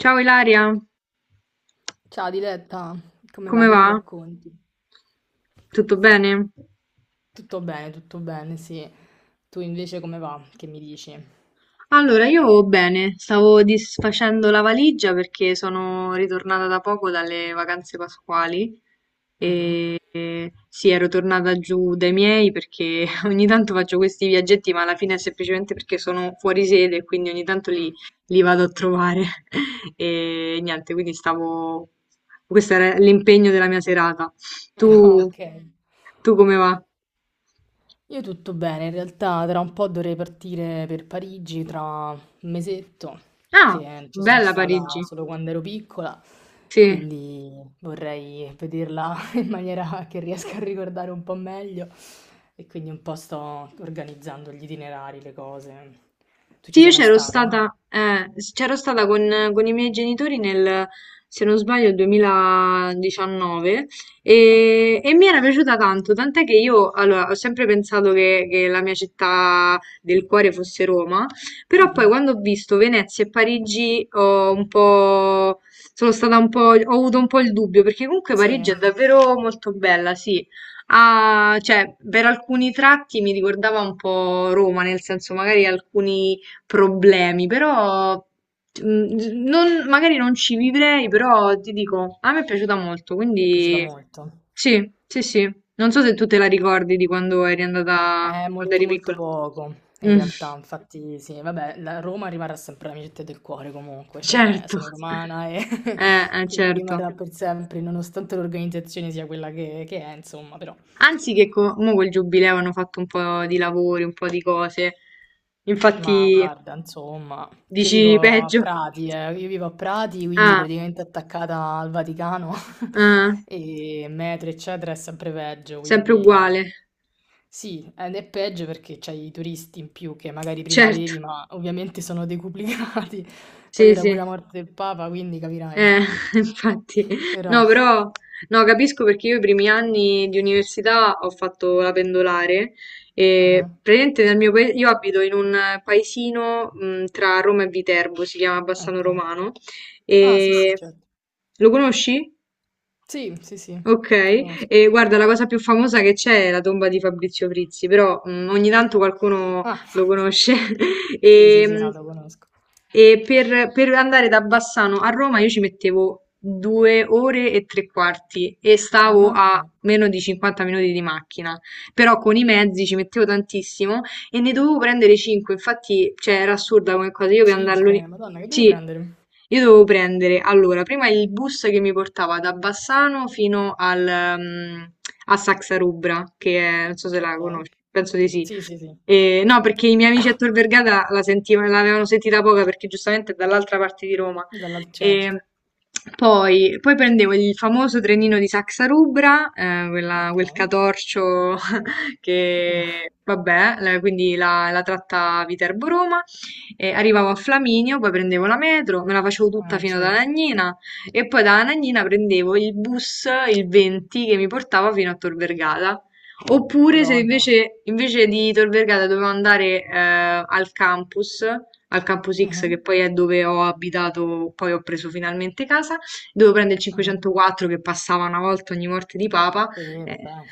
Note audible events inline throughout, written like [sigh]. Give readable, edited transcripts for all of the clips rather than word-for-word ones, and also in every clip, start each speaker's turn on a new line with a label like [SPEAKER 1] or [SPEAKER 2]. [SPEAKER 1] Ciao Ilaria,
[SPEAKER 2] Ciao Diletta, come va?
[SPEAKER 1] come
[SPEAKER 2] Che
[SPEAKER 1] va?
[SPEAKER 2] mi racconti?
[SPEAKER 1] Tutto bene?
[SPEAKER 2] Tutto bene, sì. Tu invece come va? Che mi dici?
[SPEAKER 1] Allora, io bene, stavo disfacendo la valigia perché sono ritornata da poco dalle vacanze pasquali
[SPEAKER 2] Mhm.
[SPEAKER 1] e sì, ero tornata giù dai miei perché [laughs] ogni tanto faccio questi viaggetti, ma alla fine è semplicemente perché sono fuori sede e quindi ogni tanto li,
[SPEAKER 2] Mm.
[SPEAKER 1] li vado a trovare [laughs] e niente, quindi stavo... Questo era l'impegno della mia serata.
[SPEAKER 2] [laughs] Ah,
[SPEAKER 1] Tu,
[SPEAKER 2] ok.
[SPEAKER 1] tu come va?
[SPEAKER 2] Io tutto bene, in realtà tra un po' dovrei partire per Parigi tra un mesetto,
[SPEAKER 1] Ah,
[SPEAKER 2] che ci sono
[SPEAKER 1] bella Parigi,
[SPEAKER 2] stata solo quando ero piccola,
[SPEAKER 1] sì.
[SPEAKER 2] quindi vorrei vederla [laughs] in maniera che riesca a ricordare un po' meglio e quindi un po' sto organizzando gli itinerari, le cose. Tu
[SPEAKER 1] Sì,
[SPEAKER 2] ci
[SPEAKER 1] io
[SPEAKER 2] sei mai
[SPEAKER 1] c'ero
[SPEAKER 2] stata?
[SPEAKER 1] stata, c'ero stata con i miei genitori nel, se non sbaglio, 2019
[SPEAKER 2] Ah.
[SPEAKER 1] e mi era piaciuta tanto, tant'è che io allora, ho sempre pensato che la mia città del cuore fosse Roma, però poi
[SPEAKER 2] Mhm.
[SPEAKER 1] quando ho visto Venezia e Parigi ho un po', sono stata un po', ho avuto un po' il dubbio, perché comunque
[SPEAKER 2] Sì,
[SPEAKER 1] Parigi
[SPEAKER 2] mi
[SPEAKER 1] è davvero molto bella, sì. Ah, cioè, per alcuni tratti mi ricordava un po' Roma, nel senso magari alcuni problemi, però magari non ci vivrei, però ti dico, a me è piaciuta molto,
[SPEAKER 2] è piaciuta
[SPEAKER 1] quindi
[SPEAKER 2] molto.
[SPEAKER 1] sì, sì, sì. Non so se tu te la ricordi di quando eri andata,
[SPEAKER 2] È
[SPEAKER 1] quando
[SPEAKER 2] molto
[SPEAKER 1] eri
[SPEAKER 2] molto
[SPEAKER 1] piccola.
[SPEAKER 2] poco, in
[SPEAKER 1] Mm,
[SPEAKER 2] realtà,
[SPEAKER 1] [laughs]
[SPEAKER 2] infatti sì, vabbè, la Roma rimarrà sempre la mia città del cuore comunque, cioè
[SPEAKER 1] certo.
[SPEAKER 2] sono romana e [laughs] quindi
[SPEAKER 1] Certo.
[SPEAKER 2] rimarrà per sempre, nonostante l'organizzazione sia quella che è, insomma, però
[SPEAKER 1] Anzi mo col giubileo hanno fatto un po' di lavori, un po' di cose.
[SPEAKER 2] ma
[SPEAKER 1] Infatti,
[SPEAKER 2] guarda, insomma, io
[SPEAKER 1] dici
[SPEAKER 2] vivo a
[SPEAKER 1] peggio.
[SPEAKER 2] Prati, io vivo a Prati, quindi
[SPEAKER 1] Ah,
[SPEAKER 2] praticamente attaccata al Vaticano
[SPEAKER 1] ah,
[SPEAKER 2] [laughs] e metro, eccetera, è sempre peggio,
[SPEAKER 1] sempre
[SPEAKER 2] quindi
[SPEAKER 1] uguale.
[SPEAKER 2] sì, ed è peggio perché c'hai i turisti in più che magari prima
[SPEAKER 1] Certo,
[SPEAKER 2] avevi, ma ovviamente sono decuplicati, [laughs] poi
[SPEAKER 1] sì,
[SPEAKER 2] ora
[SPEAKER 1] sì.
[SPEAKER 2] pure la morte del Papa, quindi capirai.
[SPEAKER 1] Eh, [laughs] infatti,
[SPEAKER 2] Però,
[SPEAKER 1] no, però no, capisco perché io i primi anni di università ho fatto la pendolare e
[SPEAKER 2] ah,
[SPEAKER 1] praticamente nel mio paese, io abito in un paesino tra Roma e Viterbo, si chiama Bassano
[SPEAKER 2] ok.
[SPEAKER 1] Romano
[SPEAKER 2] Ah, sì, sì,
[SPEAKER 1] e
[SPEAKER 2] certo.
[SPEAKER 1] lo conosci?
[SPEAKER 2] Sì, sì, sì,
[SPEAKER 1] Ok,
[SPEAKER 2] lo conosco.
[SPEAKER 1] e guarda, la cosa più famosa che c'è è la tomba di Fabrizio Frizzi, però ogni tanto qualcuno
[SPEAKER 2] Ah,
[SPEAKER 1] lo
[SPEAKER 2] [laughs]
[SPEAKER 1] conosce. [laughs]
[SPEAKER 2] sì, sì,
[SPEAKER 1] E,
[SPEAKER 2] sì,
[SPEAKER 1] mm,
[SPEAKER 2] no, lo conosco.
[SPEAKER 1] e per andare da Bassano a Roma io ci mettevo 2 ore e tre quarti e stavo a
[SPEAKER 2] Ammazza.
[SPEAKER 1] meno di 50 minuti di macchina, però con i mezzi ci mettevo tantissimo e ne dovevo prendere 5, infatti, cioè, era assurda come cosa, io per andarlo lì,
[SPEAKER 2] 5. Madonna, che devi
[SPEAKER 1] sì,
[SPEAKER 2] prendere?
[SPEAKER 1] io dovevo prendere, allora, prima il bus che mi portava da Bassano fino a Saxarubra, che è, non so se la
[SPEAKER 2] Ok.
[SPEAKER 1] conosci, penso di sì.
[SPEAKER 2] Sì, sì, sì.
[SPEAKER 1] No, perché i miei amici a Tor Vergata l'avevano sentita poca perché giustamente è dall'altra parte di Roma.
[SPEAKER 2] Dalla
[SPEAKER 1] E
[SPEAKER 2] certo.
[SPEAKER 1] poi prendevo il famoso trenino di Saxarubra,
[SPEAKER 2] Ok.
[SPEAKER 1] quel catorcio che
[SPEAKER 2] [laughs]
[SPEAKER 1] vabbè, quindi la tratta Viterbo-Roma, e arrivavo a Flaminio, poi prendevo la metro, me la facevo tutta
[SPEAKER 2] Ah,
[SPEAKER 1] fino ad
[SPEAKER 2] certo.
[SPEAKER 1] Anagnina e poi da Anagnina prendevo il bus, il 20, che mi portava fino a Tor Vergata. Oppure se
[SPEAKER 2] Madonna.
[SPEAKER 1] invece di Tor Vergata dovevo andare al campus, al campus X che
[SPEAKER 2] Mhm,
[SPEAKER 1] poi è dove ho abitato, poi ho preso finalmente casa, dovevo prendere il
[SPEAKER 2] mhm.
[SPEAKER 1] 504 che passava una volta ogni morte di papa
[SPEAKER 2] Sì,
[SPEAKER 1] eh,
[SPEAKER 2] vabbè.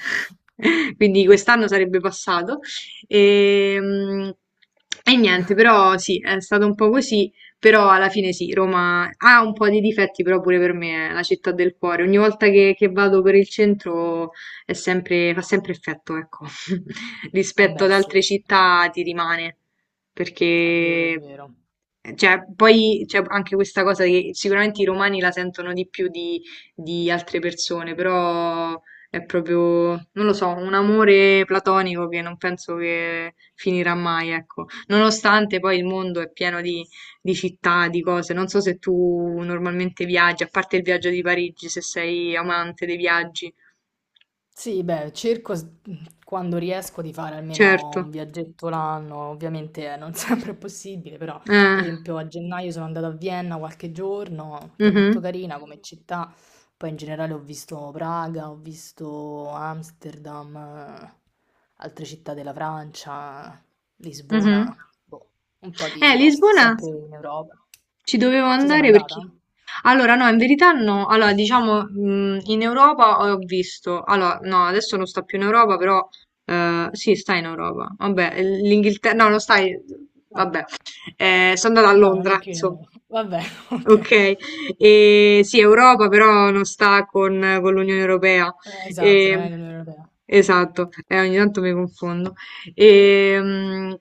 [SPEAKER 1] [laughs] quindi
[SPEAKER 2] [laughs]
[SPEAKER 1] quest'anno sarebbe passato. E, mm, e niente, però sì, è stato un po' così, però alla fine sì, Roma ha un po' di difetti, però pure per me è la città del cuore. Ogni volta che vado per il centro è sempre, fa sempre effetto, ecco, [laughs] rispetto
[SPEAKER 2] Vabbè,
[SPEAKER 1] ad altre
[SPEAKER 2] sì, sì.
[SPEAKER 1] città ti rimane,
[SPEAKER 2] È vero, è
[SPEAKER 1] perché...
[SPEAKER 2] vero.
[SPEAKER 1] Cioè, poi c'è anche questa cosa che sicuramente i romani la sentono di più di altre persone, però è proprio, non lo so, un amore platonico che non penso che finirà mai, ecco. Nonostante poi il mondo è pieno di città, di cose. Non so se tu normalmente viaggi, a parte il viaggio di Parigi, se sei amante dei viaggi.
[SPEAKER 2] Sì, beh, quando riesco di fare almeno
[SPEAKER 1] Certo.
[SPEAKER 2] un viaggetto l'anno, ovviamente non [laughs] sempre è possibile, però
[SPEAKER 1] Eh,
[SPEAKER 2] per esempio a gennaio sono andata a Vienna qualche giorno, che è molto
[SPEAKER 1] mhm,
[SPEAKER 2] carina come città, poi in generale ho visto Praga, ho visto Amsterdam, altre città della Francia,
[SPEAKER 1] mhm.
[SPEAKER 2] Lisbona, boh, un po' di posti,
[SPEAKER 1] Lisbona
[SPEAKER 2] sempre in Europa.
[SPEAKER 1] ci dovevo
[SPEAKER 2] Ci sei mai
[SPEAKER 1] andare perché...
[SPEAKER 2] andata?
[SPEAKER 1] Allora, no, in verità no. Allora, diciamo, in Europa ho visto. Allora, no, adesso non sta più in Europa, però sì, sta in Europa. Vabbè, l'Inghilterra. No, non stai.
[SPEAKER 2] Ah,
[SPEAKER 1] Vabbè. Sono andata
[SPEAKER 2] eh
[SPEAKER 1] a
[SPEAKER 2] no, non è
[SPEAKER 1] Londra,
[SPEAKER 2] più in
[SPEAKER 1] insomma.
[SPEAKER 2] Europa. [laughs] Vabbè, [laughs] ok.
[SPEAKER 1] Ok, e sì, Europa però non sta con l'Unione Europea.
[SPEAKER 2] Esatto, non
[SPEAKER 1] E-
[SPEAKER 2] è l'Unione Europea.
[SPEAKER 1] esatto, ogni tanto mi confondo. E, mm,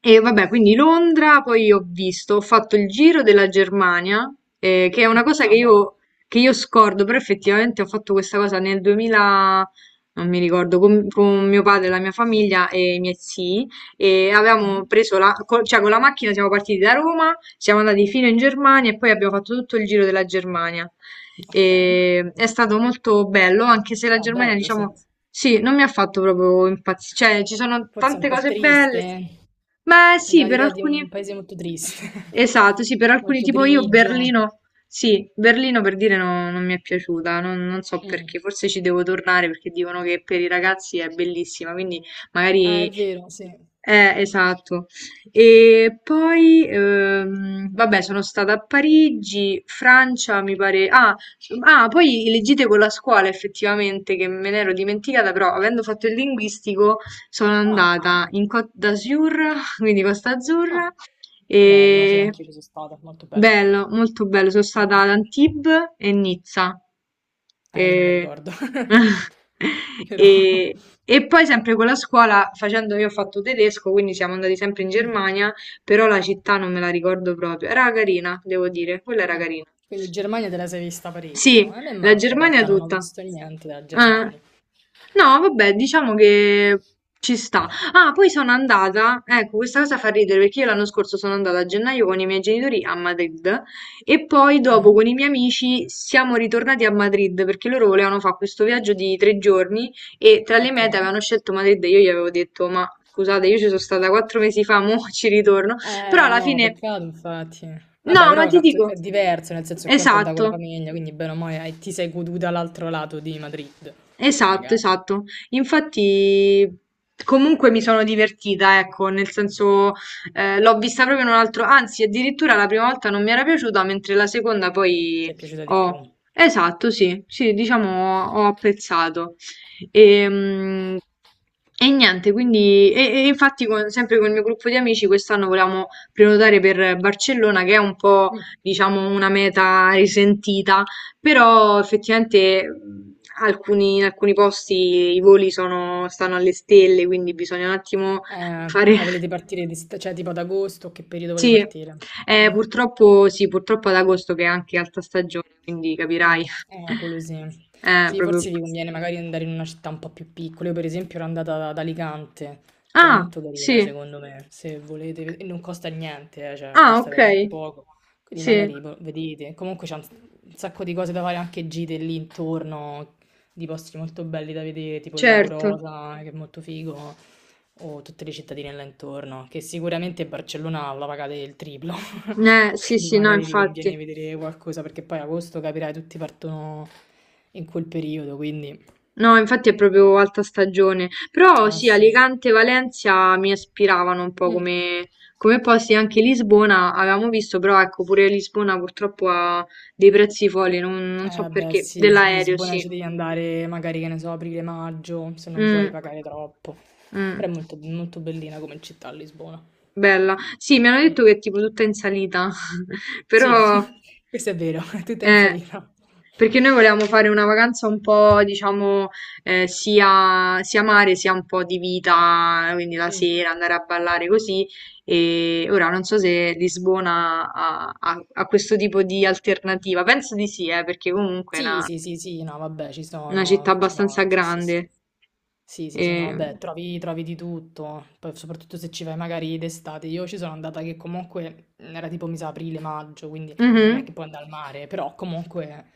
[SPEAKER 1] e vabbè, quindi Londra, poi ho visto, ho fatto il giro della Germania, che è una cosa che
[SPEAKER 2] Ah bello.
[SPEAKER 1] io, che io scordo, però effettivamente ho fatto questa cosa nel 2000, non mi ricordo, con mio padre, la mia famiglia e i miei zii e
[SPEAKER 2] Mh-mh.
[SPEAKER 1] avevamo preso cioè con la macchina siamo partiti da Roma, siamo andati fino in Germania e poi abbiamo fatto tutto il giro della Germania.
[SPEAKER 2] Okay.
[SPEAKER 1] E è stato molto bello, anche se la
[SPEAKER 2] Ah
[SPEAKER 1] Germania,
[SPEAKER 2] bello, sì.
[SPEAKER 1] diciamo, sì, non mi ha fatto proprio impazzire, cioè ci sono
[SPEAKER 2] Forse è un
[SPEAKER 1] tante
[SPEAKER 2] po'
[SPEAKER 1] cose
[SPEAKER 2] triste,
[SPEAKER 1] belle.
[SPEAKER 2] eh.
[SPEAKER 1] Beh,
[SPEAKER 2] Mi
[SPEAKER 1] sì,
[SPEAKER 2] dà
[SPEAKER 1] per
[SPEAKER 2] l'idea di
[SPEAKER 1] alcuni,
[SPEAKER 2] un paese molto triste,
[SPEAKER 1] esatto, sì, per
[SPEAKER 2] [laughs]
[SPEAKER 1] alcuni,
[SPEAKER 2] molto
[SPEAKER 1] tipo io
[SPEAKER 2] grigio.
[SPEAKER 1] Berlino, sì, Berlino per dire non mi è piaciuta, non so
[SPEAKER 2] Mh.
[SPEAKER 1] perché, forse ci devo tornare perché dicono che per i ragazzi è bellissima, quindi
[SPEAKER 2] Ah, è
[SPEAKER 1] magari
[SPEAKER 2] vero, sì.
[SPEAKER 1] esatto. E poi, vabbè, sono stata a Parigi, Francia, mi pare. Ah, ah, poi le gite con la scuola, effettivamente, che me ne ero dimenticata, però avendo fatto il linguistico sono
[SPEAKER 2] Ah,
[SPEAKER 1] andata
[SPEAKER 2] vabbè.
[SPEAKER 1] in Côte d'Azur, [laughs] quindi Costa Azzurra,
[SPEAKER 2] Ah, bello, sì,
[SPEAKER 1] e
[SPEAKER 2] anch'io ci so' stata, molto bella.
[SPEAKER 1] bello, molto bello. Sono stata
[SPEAKER 2] Mh-mh.
[SPEAKER 1] ad Antibes e Nizza.
[SPEAKER 2] Io non mi
[SPEAKER 1] E...
[SPEAKER 2] ricordo. [laughs]
[SPEAKER 1] [laughs]
[SPEAKER 2] Però
[SPEAKER 1] e- e poi sempre con la scuola, facendo io ho fatto tedesco, quindi siamo andati sempre in
[SPEAKER 2] mh,
[SPEAKER 1] Germania, però la città non me la ricordo proprio. Era carina, devo dire, quella era
[SPEAKER 2] mh.
[SPEAKER 1] carina.
[SPEAKER 2] Quindi Germania te la sei vista parecchio.
[SPEAKER 1] Sì,
[SPEAKER 2] A me
[SPEAKER 1] la
[SPEAKER 2] manca in
[SPEAKER 1] Germania
[SPEAKER 2] realtà, non ho
[SPEAKER 1] tutta.
[SPEAKER 2] visto niente della
[SPEAKER 1] Eh.
[SPEAKER 2] Germania.
[SPEAKER 1] No, vabbè, diciamo che ci sta. Ah, poi sono andata, ecco, questa cosa fa ridere perché io l'anno scorso sono andata a gennaio con i miei genitori a Madrid e poi dopo
[SPEAKER 2] Mh-mh.
[SPEAKER 1] con i miei amici siamo ritornati a Madrid perché loro volevano fare questo viaggio di 3 giorni e tra le mete
[SPEAKER 2] Okay.
[SPEAKER 1] avevano scelto Madrid e io gli avevo detto, ma scusate, io ci sono stata 4 mesi fa, [laughs] mo ci ritorno. Però alla
[SPEAKER 2] No,
[SPEAKER 1] fine...
[SPEAKER 2] peccato infatti. Vabbè,
[SPEAKER 1] No, ma
[SPEAKER 2] però è
[SPEAKER 1] ti dico...
[SPEAKER 2] è diverso, nel senso che conto è andata con la
[SPEAKER 1] Esatto.
[SPEAKER 2] famiglia, quindi bene o male ti sei goduta l'altro lato di Madrid,
[SPEAKER 1] Esatto,
[SPEAKER 2] magari.
[SPEAKER 1] esatto. Infatti, comunque mi sono divertita, ecco, nel senso, l'ho vista proprio in un altro, anzi, addirittura la prima volta non mi era piaciuta, mentre la seconda
[SPEAKER 2] Ci
[SPEAKER 1] poi
[SPEAKER 2] è piaciuta di più.
[SPEAKER 1] ho.
[SPEAKER 2] Mm.
[SPEAKER 1] Esatto, sì, sì, diciamo ho apprezzato. Ehm, E, niente, quindi, e infatti sempre con il mio gruppo di amici quest'anno volevamo prenotare per Barcellona, che è un po', diciamo, una meta risentita però effettivamente in alcuni posti i voli stanno alle stelle, quindi bisogna un attimo fare...
[SPEAKER 2] Ma volete
[SPEAKER 1] [laughs]
[SPEAKER 2] partire, di, cioè tipo ad agosto, che periodo volete
[SPEAKER 1] Sì,
[SPEAKER 2] partire? Mm.
[SPEAKER 1] purtroppo, sì, purtroppo ad agosto che è anche alta stagione, quindi
[SPEAKER 2] Mm,
[SPEAKER 1] capirai.
[SPEAKER 2] quello
[SPEAKER 1] [laughs]
[SPEAKER 2] sì. Sì,
[SPEAKER 1] Proprio...
[SPEAKER 2] forse vi conviene magari andare in una città un po' più piccola. Io per esempio ero andata ad Alicante, che è
[SPEAKER 1] Ah,
[SPEAKER 2] molto carina
[SPEAKER 1] sì.
[SPEAKER 2] secondo me, se volete, e non costa niente, cioè
[SPEAKER 1] Ah,
[SPEAKER 2] costa
[SPEAKER 1] ok.
[SPEAKER 2] veramente poco. Quindi
[SPEAKER 1] Sì,
[SPEAKER 2] magari boh, vedete, comunque c'è un sacco di cose da fare, anche gite lì intorno, di posti molto belli da vedere, tipo il Lago
[SPEAKER 1] certo.
[SPEAKER 2] Rosa, che è molto figo o tutte le cittadine là intorno, che sicuramente Barcellona la pagate il triplo, [laughs]
[SPEAKER 1] Sì,
[SPEAKER 2] quindi
[SPEAKER 1] sì, no,
[SPEAKER 2] magari vi conviene
[SPEAKER 1] infatti.
[SPEAKER 2] vedere qualcosa, perché poi agosto capirai, tutti partono in quel periodo, quindi...
[SPEAKER 1] No, infatti è proprio alta stagione. Però
[SPEAKER 2] Ah
[SPEAKER 1] sì,
[SPEAKER 2] sì.
[SPEAKER 1] Alicante e Valencia mi ispiravano un po'
[SPEAKER 2] Mm.
[SPEAKER 1] come posti, anche Lisbona avevamo visto, però ecco, pure Lisbona purtroppo ha dei prezzi folli, non so
[SPEAKER 2] Eh beh
[SPEAKER 1] perché,
[SPEAKER 2] sì,
[SPEAKER 1] dell'aereo,
[SPEAKER 2] Lisbona
[SPEAKER 1] sì.
[SPEAKER 2] ci devi andare magari, che ne so, aprile-maggio, se non vuoi
[SPEAKER 1] Mm,
[SPEAKER 2] pagare troppo, però
[SPEAKER 1] mm.
[SPEAKER 2] è molto, molto bellina come città Lisbona.
[SPEAKER 1] Bella. Sì, mi hanno
[SPEAKER 2] Mm.
[SPEAKER 1] detto che è tipo tutta in salita, [laughs]
[SPEAKER 2] Sì,
[SPEAKER 1] però
[SPEAKER 2] [laughs] questo è vero, [laughs] è tutta in
[SPEAKER 1] eh,
[SPEAKER 2] salita.
[SPEAKER 1] perché noi volevamo fare una vacanza un po', diciamo, sia mare sia un po' di vita, quindi la
[SPEAKER 2] Mm.
[SPEAKER 1] sera andare a ballare così. E ora non so se Lisbona ha questo tipo di alternativa. Penso di sì, perché comunque è una,
[SPEAKER 2] Sì, sì, sì, sì, no, vabbè,
[SPEAKER 1] una città
[SPEAKER 2] ci
[SPEAKER 1] abbastanza
[SPEAKER 2] sono, sì, sì,
[SPEAKER 1] grande.
[SPEAKER 2] sì. Sì, sì, sì, no,
[SPEAKER 1] E-
[SPEAKER 2] vabbè, trovi, trovi di tutto, poi soprattutto se ci vai magari d'estate. Io ci sono andata che comunque mhmm, era tipo, mi sa, aprile-maggio, quindi non è
[SPEAKER 1] Mhm,
[SPEAKER 2] che puoi andare al mare, però comunque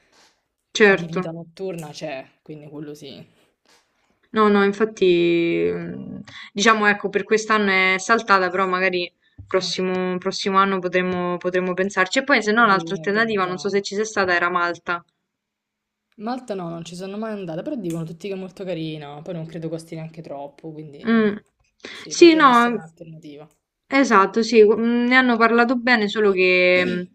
[SPEAKER 2] di
[SPEAKER 1] certo.
[SPEAKER 2] vita notturna c'è, quindi quello sì.
[SPEAKER 1] No, no, infatti, diciamo, ecco, per quest'anno è saltata, però magari
[SPEAKER 2] Eh,
[SPEAKER 1] prossimo anno potremmo pensarci. E poi, se no, l'altra
[SPEAKER 2] vieni
[SPEAKER 1] alternativa, non so se
[SPEAKER 2] organizzata.
[SPEAKER 1] ci sei stata, era Malta.
[SPEAKER 2] Malta no, non ci sono mai andata, però dicono tutti che è molto carina, poi non credo costi neanche troppo,
[SPEAKER 1] Mm.
[SPEAKER 2] quindi sì,
[SPEAKER 1] Sì,
[SPEAKER 2] potrebbe essere
[SPEAKER 1] no,
[SPEAKER 2] un'alternativa.
[SPEAKER 1] esatto, sì, ne hanno parlato bene, solo che
[SPEAKER 2] [clears throat]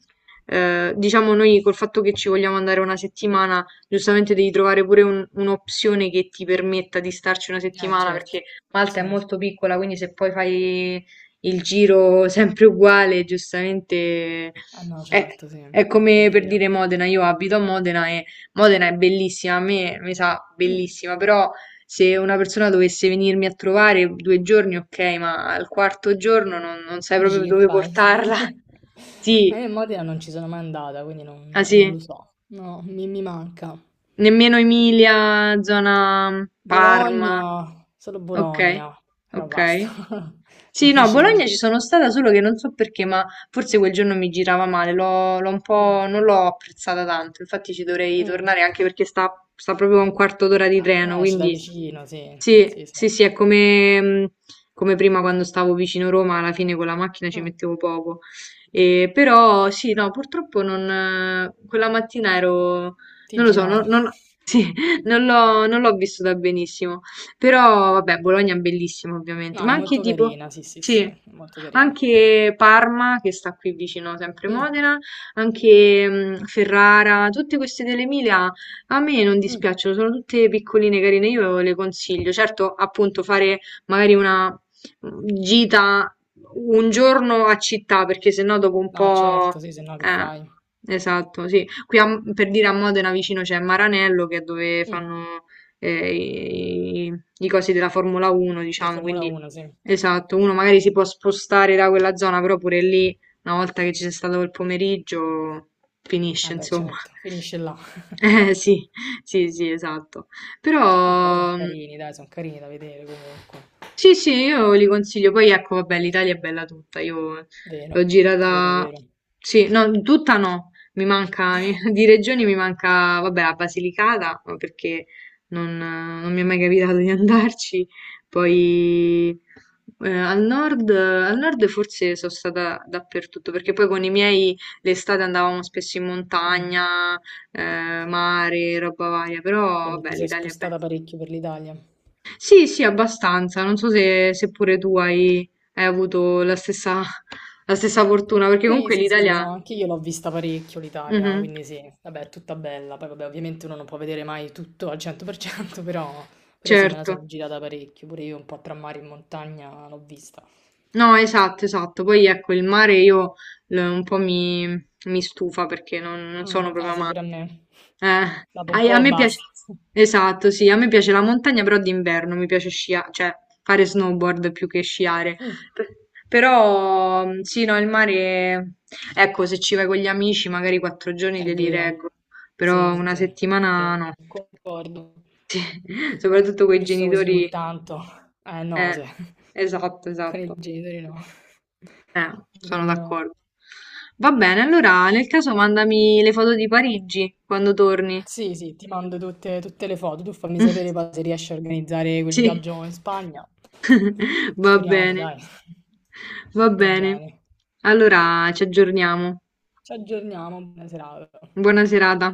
[SPEAKER 1] diciamo noi col fatto che ci vogliamo andare una settimana, giustamente devi trovare pure un'opzione che ti permetta di starci una settimana,
[SPEAKER 2] Certo,
[SPEAKER 1] perché Malta è
[SPEAKER 2] sì.
[SPEAKER 1] molto piccola, quindi se poi fai il giro sempre uguale, giustamente
[SPEAKER 2] Ah no,
[SPEAKER 1] è,
[SPEAKER 2] certo, sì,
[SPEAKER 1] è
[SPEAKER 2] è
[SPEAKER 1] come per
[SPEAKER 2] vero.
[SPEAKER 1] dire Modena, io abito a Modena e Modena è bellissima, a me mi sa
[SPEAKER 2] Mm.
[SPEAKER 1] bellissima, però... Se una persona dovesse venirmi a trovare 2 giorni, okay, ma al quarto giorno non sai
[SPEAKER 2] Dici
[SPEAKER 1] proprio
[SPEAKER 2] che
[SPEAKER 1] dove
[SPEAKER 2] fai?
[SPEAKER 1] portarla.
[SPEAKER 2] [laughs]
[SPEAKER 1] [laughs] Sì,
[SPEAKER 2] Ma io in Modena non ci sono mai andata, quindi
[SPEAKER 1] ah
[SPEAKER 2] non
[SPEAKER 1] sì,
[SPEAKER 2] lo so. No, mi manca.
[SPEAKER 1] nemmeno Emilia, zona Parma.
[SPEAKER 2] Bologna, solo
[SPEAKER 1] Okay,
[SPEAKER 2] Bologna, però basta,
[SPEAKER 1] okay.
[SPEAKER 2] [laughs]
[SPEAKER 1] Sì, no, a
[SPEAKER 2] finisce
[SPEAKER 1] Bologna
[SPEAKER 2] lì.
[SPEAKER 1] ci sono stata, solo che non so perché, ma forse quel giorno mi girava male, l'ho un
[SPEAKER 2] Mm,
[SPEAKER 1] po' non l'ho apprezzata tanto, infatti ci dovrei
[SPEAKER 2] mm.
[SPEAKER 1] tornare anche perché sta proprio a un quarto d'ora di
[SPEAKER 2] Ah,
[SPEAKER 1] treno,
[SPEAKER 2] eh, ce l'hai
[SPEAKER 1] quindi
[SPEAKER 2] vicino, sì,
[SPEAKER 1] sì,
[SPEAKER 2] sì, sì.
[SPEAKER 1] sì, sì, è come prima quando stavo vicino Roma, alla fine con la macchina ci
[SPEAKER 2] Mm,
[SPEAKER 1] mettevo poco. E, però sì, no, purtroppo non, quella mattina ero,
[SPEAKER 2] ti
[SPEAKER 1] non lo so, non,
[SPEAKER 2] girava.
[SPEAKER 1] sì, [laughs] non l'ho vissuta benissimo. Però vabbè, Bologna è bellissima ovviamente,
[SPEAKER 2] No, è
[SPEAKER 1] ma anche
[SPEAKER 2] molto
[SPEAKER 1] tipo,
[SPEAKER 2] carina, sì, sì, sì,
[SPEAKER 1] sì,
[SPEAKER 2] è molto carina.
[SPEAKER 1] anche Parma che sta qui vicino, sempre
[SPEAKER 2] Mm,
[SPEAKER 1] Modena, anche Ferrara, tutte queste dell'Emilia a me non
[SPEAKER 2] mm.
[SPEAKER 1] dispiacciono, sono tutte piccoline, carine, io le consiglio. Certo, appunto, fare magari una gita un giorno a città, perché sennò dopo un
[SPEAKER 2] No,
[SPEAKER 1] po'...
[SPEAKER 2] certo, sì, se no che fai?
[SPEAKER 1] Esatto, sì. Qui per dire a Modena vicino c'è Maranello, che è dove
[SPEAKER 2] Mm.
[SPEAKER 1] fanno eh, i, i- i cosi della Formula 1,
[SPEAKER 2] Di
[SPEAKER 1] diciamo,
[SPEAKER 2] Formula
[SPEAKER 1] quindi
[SPEAKER 2] 1, sì.
[SPEAKER 1] esatto, uno magari si può spostare da quella zona, però pure lì, una volta che ci sei stato quel pomeriggio, finisce,
[SPEAKER 2] Vabbè,
[SPEAKER 1] insomma.
[SPEAKER 2] certo, finisce là.
[SPEAKER 1] Eh sì, sì, sì, esatto.
[SPEAKER 2] Vabbè, però sono
[SPEAKER 1] Però, mhmm
[SPEAKER 2] carini, dai, sono carini da vedere comunque.
[SPEAKER 1] sì, sì, io li consiglio. Poi ecco, vabbè, l'Italia è bella tutta. Io l'ho
[SPEAKER 2] Vero, vero,
[SPEAKER 1] girata.
[SPEAKER 2] vero.
[SPEAKER 1] Sì, no, tutta no. Mi manca [laughs] di regioni mi manca, vabbè, la Basilicata, ma perché non mi è mai capitato di [laughs] andarci. Poi al nord forse sono stata dappertutto, perché poi con i miei l'estate andavamo spesso in
[SPEAKER 2] Mm.
[SPEAKER 1] montagna, mare, roba varia, però
[SPEAKER 2] Quindi ti
[SPEAKER 1] vabbè,
[SPEAKER 2] sei
[SPEAKER 1] l'Italia è bella.
[SPEAKER 2] spostata parecchio per l'Italia.
[SPEAKER 1] Sì, sì, abbastanza. Non so se pure tu hai avuto la stessa fortuna, perché
[SPEAKER 2] Sì,
[SPEAKER 1] comunque
[SPEAKER 2] sì, sì,
[SPEAKER 1] l'Italia...
[SPEAKER 2] no, anche io l'ho vista parecchio l'Italia,
[SPEAKER 1] Mhm,
[SPEAKER 2] quindi sì, vabbè, è tutta bella. Poi vabbè, ovviamente uno non può vedere mai tutto al 100%, [laughs] però, però sì, me la
[SPEAKER 1] certo.
[SPEAKER 2] sono girata parecchio, pure io un po' tra mare e montagna l'ho vista.
[SPEAKER 1] No, esatto, esatto. Poi ecco, il mare io un po' mi stufa perché non
[SPEAKER 2] Mm,
[SPEAKER 1] sono
[SPEAKER 2] ah
[SPEAKER 1] proprio
[SPEAKER 2] sì, pure a
[SPEAKER 1] amante.
[SPEAKER 2] me.
[SPEAKER 1] Eh,
[SPEAKER 2] Dopo un po'
[SPEAKER 1] me piace,
[SPEAKER 2] basta.
[SPEAKER 1] esatto, sì, a me piace la montagna, però d'inverno mi piace sciare, cioè fare snowboard più che sciare.
[SPEAKER 2] Mm,
[SPEAKER 1] Per- Però sì, no, il mare, ecco, se ci vai con gli amici, magari 4 giorni
[SPEAKER 2] è
[SPEAKER 1] te li
[SPEAKER 2] vero.
[SPEAKER 1] reggo, però
[SPEAKER 2] Sì,
[SPEAKER 1] una
[SPEAKER 2] sì,
[SPEAKER 1] settimana
[SPEAKER 2] sì,
[SPEAKER 1] no.
[SPEAKER 2] concordo.
[SPEAKER 1] [laughs] Sì, soprattutto con i
[SPEAKER 2] Giusto così ogni
[SPEAKER 1] genitori,
[SPEAKER 2] tanto. Eh no,
[SPEAKER 1] eh,
[SPEAKER 2] se-
[SPEAKER 1] esatto,
[SPEAKER 2] [laughs] con i
[SPEAKER 1] esatto.
[SPEAKER 2] genitori no. [laughs]
[SPEAKER 1] Eh,
[SPEAKER 2] Direi
[SPEAKER 1] sono
[SPEAKER 2] di no.
[SPEAKER 1] d'accordo. Va bene, allora nel caso mandami le foto di Parigi quando torni.
[SPEAKER 2] Sì, sì, ti mando tutte, tutte le foto. Tu fammi sapere poi se
[SPEAKER 1] [laughs]
[SPEAKER 2] riesci a organizzare quel
[SPEAKER 1] Sì,
[SPEAKER 2] viaggio in Spagna.
[SPEAKER 1] [laughs] va
[SPEAKER 2] Speriamo,
[SPEAKER 1] bene,
[SPEAKER 2] dai.
[SPEAKER 1] va
[SPEAKER 2] [laughs] Va
[SPEAKER 1] bene.
[SPEAKER 2] bene.
[SPEAKER 1] Allora ci aggiorniamo.
[SPEAKER 2] Ci aggiorniamo. Buona serata.
[SPEAKER 1] Buona serata.